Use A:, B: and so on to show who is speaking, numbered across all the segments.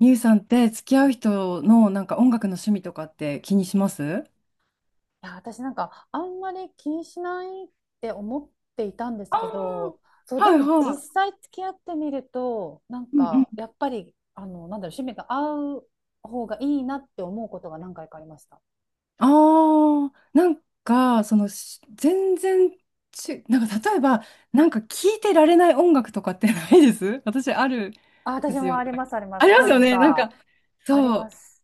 A: ミュウさんって付き合う人のなんか音楽の趣味とかって気にします？
B: いや、私なんかあんまり気にしないって思っていたんです
A: ああ
B: けど、そう、
A: ー、
B: で
A: はい
B: も実
A: は
B: 際付き合ってみると、なん
A: い。うんう
B: か
A: ん。
B: やっぱり、あの、なんだろう、趣味が合う方がいいなって思うことが何回かありました。
A: ああ、なんかそのし全然ち、なんか例えばなんか聴いてられない音楽とかってないです？ 私あるん
B: あ、
A: で
B: 私
A: す
B: も
A: よ。
B: あります、ありま
A: あり
B: す。
A: ます
B: な
A: よ
B: ん
A: ね。なんか
B: か、ありま
A: そ
B: す。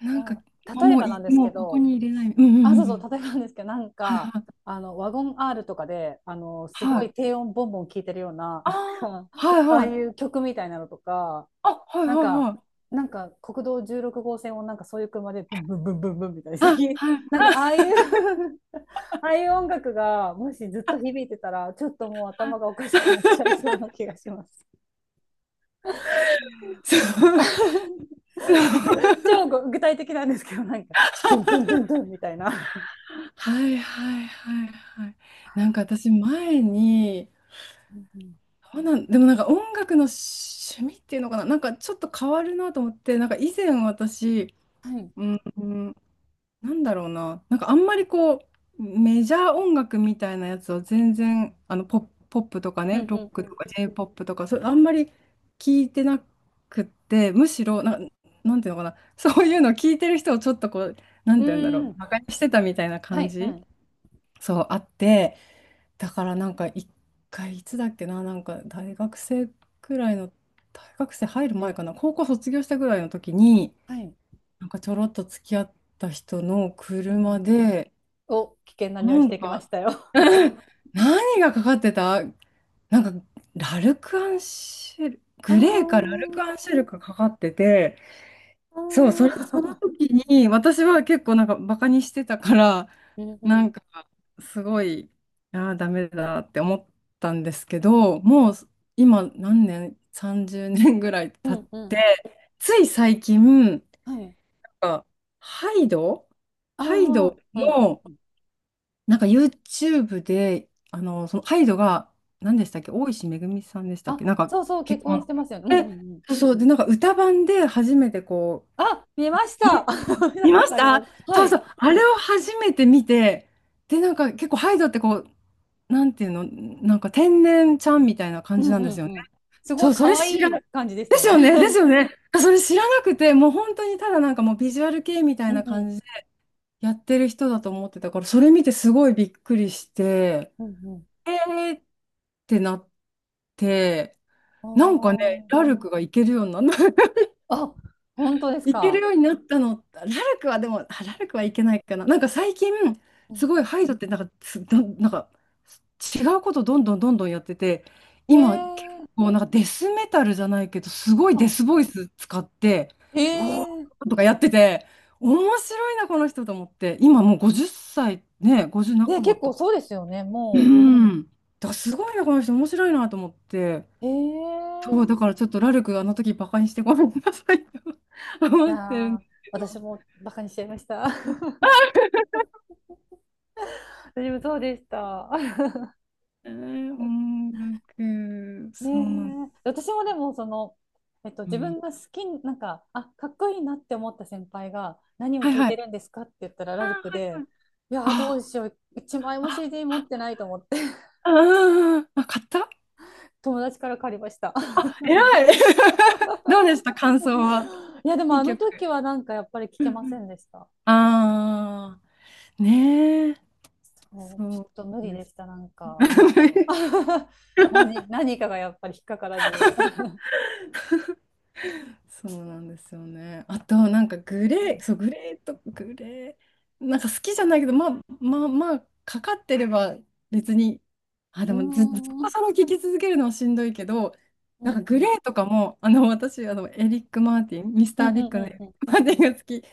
A: う、なん
B: な
A: か
B: ん例えばなんです
A: も
B: け
A: うここ
B: ど、
A: に入れない。うんうんう
B: あ、そう
A: んう
B: そう、
A: ん。
B: 例えばなんですけど、なん
A: はい
B: か、
A: はい。
B: あの、ワゴン R とかで、あの、す
A: は
B: ご
A: い。
B: い低音ボンボン聴いてるような、
A: あ
B: なんか、
A: あ、はい
B: ああ
A: は
B: い
A: い。
B: う曲みたいなのとか、
A: あ、はい
B: なん
A: はい
B: か、
A: はい。
B: なんか国道16号線をなんかそういう車でブンブンブンブンブンみたいな
A: あ、はい。
B: なんかああ
A: あ
B: いう ああいう音楽がもしずっと響いてたら、ちょっともう頭がおか し
A: は
B: くなっちゃいそう
A: い。
B: な気がします
A: そう、そ
B: 超
A: う。
B: 具体的なんですけど、なんか、ドゥンドゥンドゥンドゥンみたいな。
A: はいはいはいはい。なんか私前に、あなんでもなんか音楽の趣味っていうのかな、なんかちょっと変わるなと思って、なんか以前私、
B: はい。
A: うん、なんだろうな、なんかあんまりこう、メジャー音楽みたいなやつを全然、あのポップとか
B: うん
A: ね、
B: う
A: ロッ
B: ん
A: クと
B: う
A: か j ポップとか、それあんまり聞いてなくって、むしろな、なんていうのかな、そういうのを聞いてる人をちょっとこう、な
B: ん。
A: ん
B: う
A: ていうんだろう、
B: ん。
A: 馬鹿にしてたみたいな
B: は
A: 感
B: い。は
A: じ、
B: い。
A: そうあって、だからなんか一回、いつだっけな、なんか大学生くらいの、大学生入る前かな、高校卒業したぐらいの時に、
B: はい。
A: なんかちょろっと付き合った人の
B: うんう
A: 車
B: ん。
A: で、
B: お、危険な
A: な
B: 匂いし
A: ん
B: てきまし
A: か、
B: たよ。
A: うん、何がかかってたなんか、ラルクアンシェル、
B: あ
A: グレーかラルクア
B: ー、
A: ンシェルかかかってて、
B: あ
A: そう、それ、その
B: ー
A: 時に、私は結構なんかバカにしてたから、
B: うんう
A: な
B: ん。
A: んか、すごい、ああ、ダメだって思ったんですけど、もう、今、何年、30年ぐらい
B: う
A: 経っ
B: んうん。
A: て、つい最近、なん
B: はい。
A: かハイド
B: ああ、
A: ハイド
B: うん
A: の、
B: うん。
A: なんか YouTube で、あの、そのハイドが、何でしたっけ、大石めぐみさんでしたっけ、
B: あ、
A: なんか
B: そうそう、結
A: 結
B: 婚
A: 婚。
B: してますよね。うん
A: え、
B: うんうん。
A: そうそう、で、なんか歌版で初めてこ
B: あ、見まし
A: う、
B: た。
A: ね、
B: 見た
A: 見
B: こ
A: ま
B: と
A: し
B: ありま
A: た。
B: す。は
A: そう
B: い。
A: そう、あれを初めて見て、で、なんか結構ハイドってこう、なんていうの、なんか天然ちゃんみたいな
B: う
A: 感じ
B: ん
A: なん
B: う
A: です
B: ん
A: よ
B: う
A: ね。
B: ん。すご
A: そ
B: い
A: う、それ
B: 可
A: 知
B: 愛
A: ら、で
B: い感じでしたよ
A: す
B: ね。
A: よね、ですよ ね。それ知らなくて、もう本当にただなんかもうビジュアル系みた
B: う
A: い
B: ん
A: な
B: う
A: 感
B: ん
A: じでやってる人だと思ってたから、それ見てすごいびっくりして。
B: うんうん。
A: えーってなって、
B: あ
A: なんかね、
B: ー、
A: ラルクがいけるようになった。
B: あ、本当です
A: いける
B: か。
A: ようになったの。ラルクはでも、あラルクはいけないかな。なんか最近、
B: う
A: すごい
B: ん、
A: ハイドってなんか、つな、なんか違うことどんどんどんどんやってて、
B: へ
A: 今結
B: え。
A: 構なんかデスメタルじゃないけど、すごいデ
B: あ、
A: スボイス使って、
B: へ
A: うおー
B: え。
A: とかやってて、面白いな、この人と思って。今もう50歳、ね、50
B: ね、
A: 半ば
B: 結
A: と
B: 構
A: か。
B: そうですよね、
A: う
B: も
A: ん。だからすごいな、この人面白いなと思って。
B: う。へ
A: そう、だ
B: え。
A: からちょっとラルクあの時バカにしてごめんなさいと
B: い
A: 思
B: や
A: ってるん
B: ー、
A: ですけど。
B: 私もバカにしちゃいました。私もそうでした。
A: えー、音楽、
B: ね
A: そうなん、
B: え、私もでもその、えっと、
A: う
B: 自
A: ん。
B: 分が好きな、んかあ、かっこいいなって思った先輩が何を
A: はい
B: 聞い
A: は
B: て
A: い。
B: るんですかって言ったら
A: あ
B: ラ
A: ー、
B: ルク
A: はい
B: で、
A: はい。
B: いやーどう
A: あ
B: しよう、1枚
A: ー、
B: も
A: あ、
B: CD 持ってないと思って、
A: あー、あ、買った？
B: 友達から借りました。
A: あ、偉い。 どうでした感想は？
B: いやでも
A: いい
B: あの
A: 曲。
B: 時はなんかやっぱり聞
A: う
B: け
A: ん
B: ま
A: う
B: せ
A: ん。
B: んでした。
A: あー、ねえ、
B: そう、ちょっ
A: そ
B: と無
A: う
B: 理
A: で
B: で
A: す。
B: したなんか。 何、何かがやっぱり引っかからず、う
A: そうなんですよね。あと、なんかグレー、そう、グレーとグレー、なんか好きじゃないけど、まあまあまあ、かかってれば別に、あ、で
B: ー
A: もず、ずっ
B: ん、う
A: と
B: ん
A: それを聞き続けるのはしんどいけど、
B: う
A: なんかグレ
B: ん
A: ーとかも、あの、私、あの、エリック・マーティン、ミス
B: う
A: タ
B: ん
A: ー・
B: う
A: ビ
B: ん
A: ッグの
B: う
A: エ
B: ん
A: リッ
B: うん
A: ク・マーティンが好き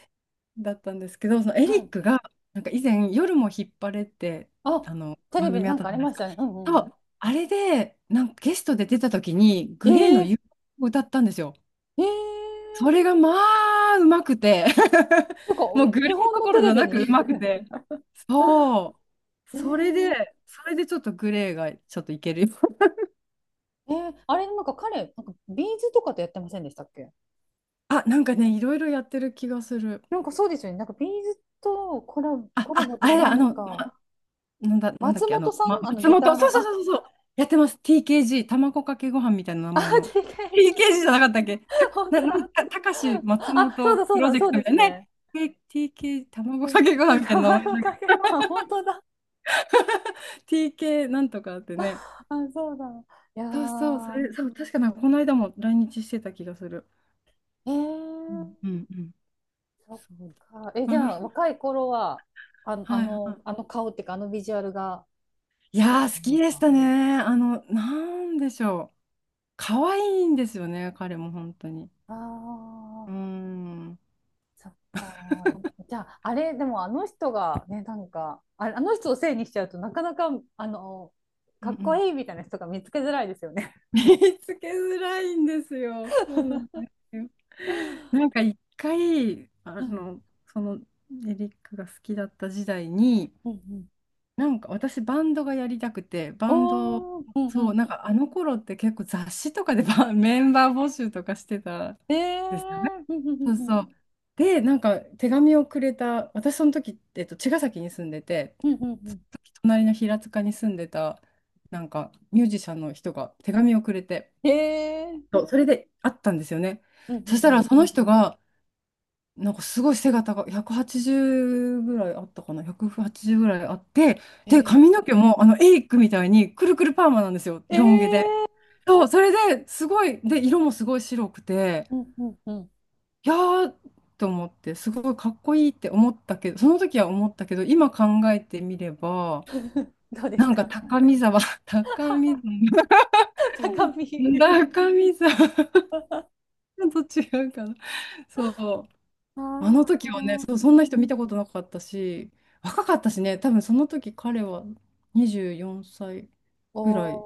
A: だったんですけど、そのエ
B: は
A: リッ
B: い。
A: クが、なんか以前、夜も引っ張れって
B: あ、テレ
A: 番
B: ビで
A: 組あ
B: な
A: っ
B: ん
A: た
B: かあ
A: じゃ
B: り
A: ないで
B: ま
A: す
B: し
A: か。
B: たね。うんう
A: そ
B: ん、
A: う、あれで、なんかゲストで出た時に、
B: え、
A: グレーの
B: え
A: 夕方を歌ったんですよ。
B: えー、
A: それがまあ、うまくて
B: なんか
A: もうグレ
B: 日
A: ー
B: 本
A: ど
B: の
A: こ
B: テ
A: ろじ
B: レ
A: ゃ
B: ビ
A: なくう
B: に。
A: まくて。そう。
B: え
A: それ
B: ー、
A: で、それでちょっとグレーがちょっといけるよ。
B: えー、あれなんか彼、なんかビーズとかとやってませんでしたっけ。
A: あ、なんかね、いろいろやってる気がする。
B: なんかそうですよね。なんかビーズとコラボ、
A: あ、
B: コラボ
A: あ、
B: って
A: あ
B: いうか
A: れ
B: な
A: だ、あ
B: ん
A: の、
B: か、
A: まなんだ、なんだっ
B: 松
A: け、あ
B: 本
A: の、
B: さ
A: ま、
B: んあの
A: 松
B: ギタ
A: 本、
B: ー
A: そ
B: の、
A: うそう
B: あ、
A: そうそうそう、やってます。TKG、卵かけご飯みたいな名
B: あ、
A: 前の。TKG じゃな
B: TKG、
A: かったっけた、
B: 本
A: な、
B: 当
A: な、
B: だ。
A: た、たかし松
B: あ、そう
A: 本
B: だ
A: プ
B: そう
A: ロ
B: だ、
A: ジェ
B: そ
A: ク
B: う
A: トみ
B: で
A: たい
B: す
A: なね。
B: ね。
A: T- TK、卵
B: え、
A: かけご飯
B: あ、
A: みたいな名前
B: 卵
A: なんか、
B: かけご飯、本当だ。
A: TK なんとかってね。
B: あ、そうだ。いや
A: そうそう、そ
B: ー、
A: れ、そう、確かなんかこの間も来日してた気がする。
B: え
A: う
B: ー、
A: んうんうん。
B: そっ
A: そう。
B: か。え、じゃあ 若い頃は、あの、あ
A: はいは
B: の、
A: い。
B: あの顔っていうか、あのビジュアルが、
A: い
B: 好きな
A: やー、好
B: 感じで
A: き
B: す
A: でし
B: か。
A: たね。あの、なんでしょう。可愛いんですよね、彼も本当に。
B: あ
A: うー
B: あ、
A: ん。うん
B: そっか。じゃあ、あれ、でもあの人がね、なんか、あ、あの人をせいにしちゃうとなかなか、あの、
A: う
B: かっこ
A: ん。
B: いいみたいな人が見つけづらいですよね。
A: 見つけづらいんですよ。そうなんですよ。なんか一回、あ
B: うん
A: の、そのエリックが好きだった時代に、
B: うんうん。
A: なんか私バンドがやりたくて、バンド、
B: おー、うんう
A: そう、
B: ん。
A: なんかあの頃って結構雑誌とかでバン メンバー募集とかしてたん
B: ええ
A: ですよね。
B: ー、うんうん
A: そう
B: うん
A: そう。で、なんか手紙をくれた、私その時、茅ヶ崎に住んでて、
B: うんうんうんう
A: その
B: ん。
A: 時隣の平塚に住んでた、なんかミュージシャンの人が手紙をくれて、
B: ええー、
A: そうそれで会ったんですよね。
B: うんうんう
A: そした
B: ん。
A: らその人が、なんかすごい背が高い、180ぐらいあったかな、180ぐらいあって、で、
B: え
A: 髪の
B: え
A: 毛もあのエイクみたいにくるくるパーマなんですよ、
B: ー、ええ
A: ロン毛で。
B: ー、
A: そう、それですごい、で、色もすごい白くて、
B: うんうんうん。
A: いやーと思って、すごいかっこいいって思ったけど、その時は思ったけど、今考えてみれば、
B: どうで
A: な
B: す
A: んか
B: か。
A: 高見沢、高 見沢、
B: 高 み、
A: 高見沢と違うかな。そう。
B: あ
A: あの時はね、
B: あ、
A: そう、そんな人見たことなかったし、若かったしね、多分その時彼は24歳
B: お
A: ぐらい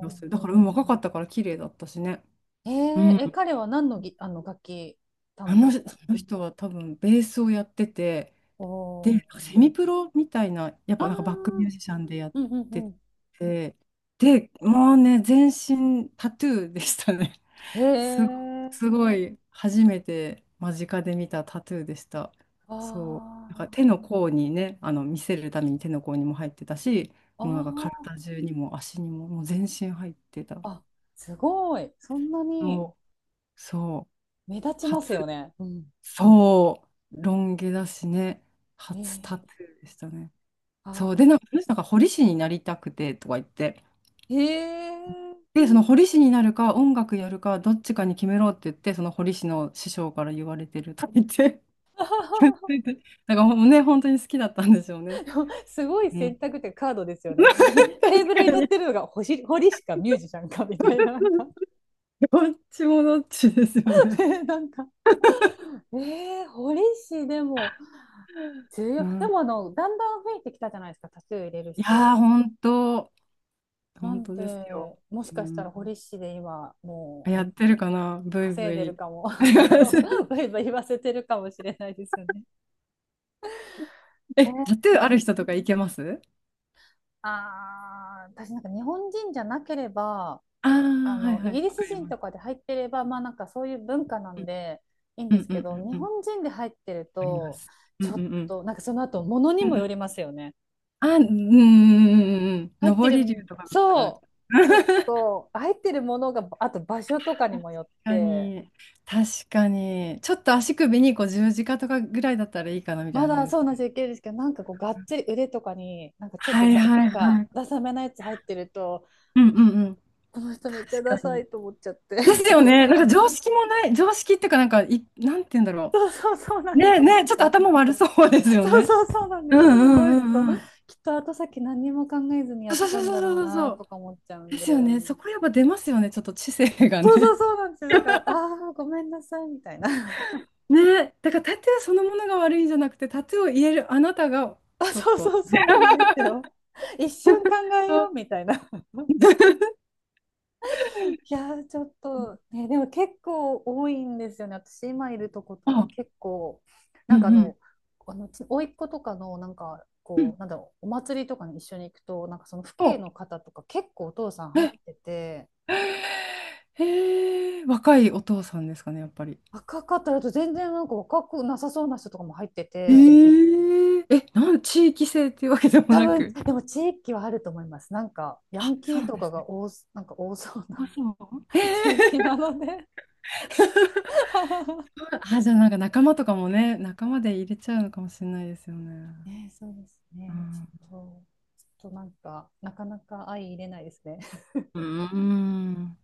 A: だする。だから、うん、若かったから綺麗だったしね。
B: えー、
A: うん。
B: え、彼は何のぎ、あの楽器担
A: あの、
B: 当
A: そ
B: とか。
A: の人は多分ベースをやってて、
B: お
A: で、
B: お。
A: セミプロみたいな、やっ
B: あ
A: ぱなんかバックミュー
B: あ、
A: ジシャンでやっ
B: うんう
A: て
B: ん
A: て、で、もうね、全身タトゥーでしたね。
B: うん。
A: すご、
B: へえ。
A: すごい初めて間近で見たタトゥーでした。そう。なんか
B: あ
A: 手の甲にね、あの見せるために手の甲にも入ってたし、もうなんか
B: あ、
A: 体中にも足にも、もう全身入ってた。
B: ああ、あ、すごい。そんなに
A: そう、そう、
B: 目立ち
A: 初、
B: ますよね。うん。
A: そう、ロン毛だしね、
B: え
A: 初タ
B: え。
A: トゥーでしたね。
B: あ
A: そう、で、な
B: あ、
A: んか、その人が彫り師になりたくてとか言って、
B: へえ。
A: で、その彫り師になるか、音楽やるか、どっちかに決めろって言って、その彫り師の師匠から言われてるとか言って なんかもうね、本当に好きだったんでしょうね。
B: すごい
A: うん。
B: 選択ってカードですよね。テ
A: 確
B: ーブルに
A: か
B: 乗っ
A: に。
B: てるのが星堀しかミュージシャンかみたいな、なんか。
A: どっちもどっちですよ ね。
B: ね、なんか、えー、堀氏でも。重
A: う
B: 要。で
A: ん。
B: もあの、だんだん増えてきたじゃないですか、タトゥー入れる
A: い
B: 人。
A: やー、本当、
B: な
A: 本
B: ん
A: 当ですよ。
B: で、もし
A: う
B: かした
A: ん。
B: ら堀市で今、も
A: やってるかな、
B: う
A: ブイ
B: 稼
A: ブ
B: いでる
A: イ。
B: かも、そうそう、バ イバイ言わせてるかもしれないですよね。
A: え、タ
B: え、
A: トゥーある人とかいけます？
B: ああ、私なんか日本人じゃなければ、
A: ああー、
B: あ
A: はい
B: の、
A: は
B: イ
A: い、
B: ギリ
A: わか
B: ス
A: り
B: 人
A: ま
B: とか
A: す。
B: で入ってれば、まあなんかそういう文化な
A: う
B: ん
A: ん
B: でいいん
A: う
B: で
A: ん
B: す
A: うん
B: けど、日
A: うんうん、わ
B: 本人で入ってる
A: かりま
B: と、
A: す。うん
B: ちょ
A: う
B: っ
A: んうん。
B: と、なんかその後、ものに
A: うんう
B: もよ
A: ん。
B: りますよね。
A: あ、うんうんうんうんう
B: 入
A: ん。
B: って
A: 上
B: る、
A: り竜とかだったら。
B: そう、ちょっ と入ってるものが、あと場所とかに
A: 確
B: もよっ
A: か
B: て、
A: に、確かに、ちょっと足首にこう十字架とかぐらいだったらいいかなみたい
B: ま
A: な感じ
B: だ
A: です
B: そう
A: か
B: なん
A: ね。
B: 計いけですけど、なんかこう、がっちり腕とかに、なんかちょっ
A: は
B: と
A: い
B: だ、
A: は
B: なん
A: いは
B: か、
A: い。
B: ダサめなやつ入ってると、
A: うんうんうん。
B: この人めっちゃ
A: 確
B: ダ
A: か
B: サい
A: に。
B: と思っちゃって。
A: です よね。なんか常識もない、常識っていうか、なんかい、なんて言うんだろ
B: そうそうそうな
A: う。
B: ん
A: ね
B: です。
A: えね
B: な
A: え、
B: ん
A: ちょっと
B: か、
A: 頭悪そうですよ
B: そう
A: ね。
B: そうそうなん
A: う
B: で
A: んう
B: すよ。こ
A: ん
B: の
A: う
B: 人、
A: んうん。
B: きっと後先何にも考えずに
A: そ
B: やっ
A: う
B: た
A: そう
B: ん
A: そう
B: だ
A: そう
B: ろう
A: そうそ
B: な
A: う。
B: とか思っちゃう
A: で
B: んで。
A: すよね。そこやっぱ出ますよね。ちょっと知性が
B: そうそう
A: ね。
B: そうなんですよ。だから、ああ、ごめんなさいみたいな。
A: ねえ、だからタトゥーそのものが悪いんじゃなくて、タトゥーを言えるあなたが
B: あ、
A: ちょっ
B: そう
A: と。
B: そうそうなんですよ。一瞬 考えようみたいな。いやー、ちょっと、ね、でも結構多いんですよね。私今いるとことか
A: あ、
B: 結構、
A: う
B: な
A: ん
B: ん
A: う
B: か、あ
A: ん
B: の、あの、ち甥っ子とかの、なんか、
A: う
B: こ
A: ん。
B: う、なんだろう、お祭りとかに一緒に行くと、なんかその父兄
A: お、
B: の方とか結構お父さん入っ
A: え、
B: てて、
A: へえ、若いお父さんですかね、やっぱり。
B: 若かったらと全然なんか若くなさそうな人とかも入って
A: え
B: て、
A: ええ、地域性っていうわけでも
B: 多
A: な
B: 分、
A: く。
B: でも地域はあると思います。なんか、ヤ
A: あ、
B: ン
A: そ
B: キ
A: う
B: ー
A: なん
B: と
A: で
B: か
A: すね。
B: が多す、なんか多そうな
A: あ、そう。え
B: 地域
A: え
B: なので。
A: あ、じゃあなんか仲間とかもね、仲間で入れちゃうのかもしれないですよね。
B: ね、そうです
A: う
B: ね。
A: ん。
B: ょっと、ちょっとなんか、なかなか相入れないですね。
A: うーん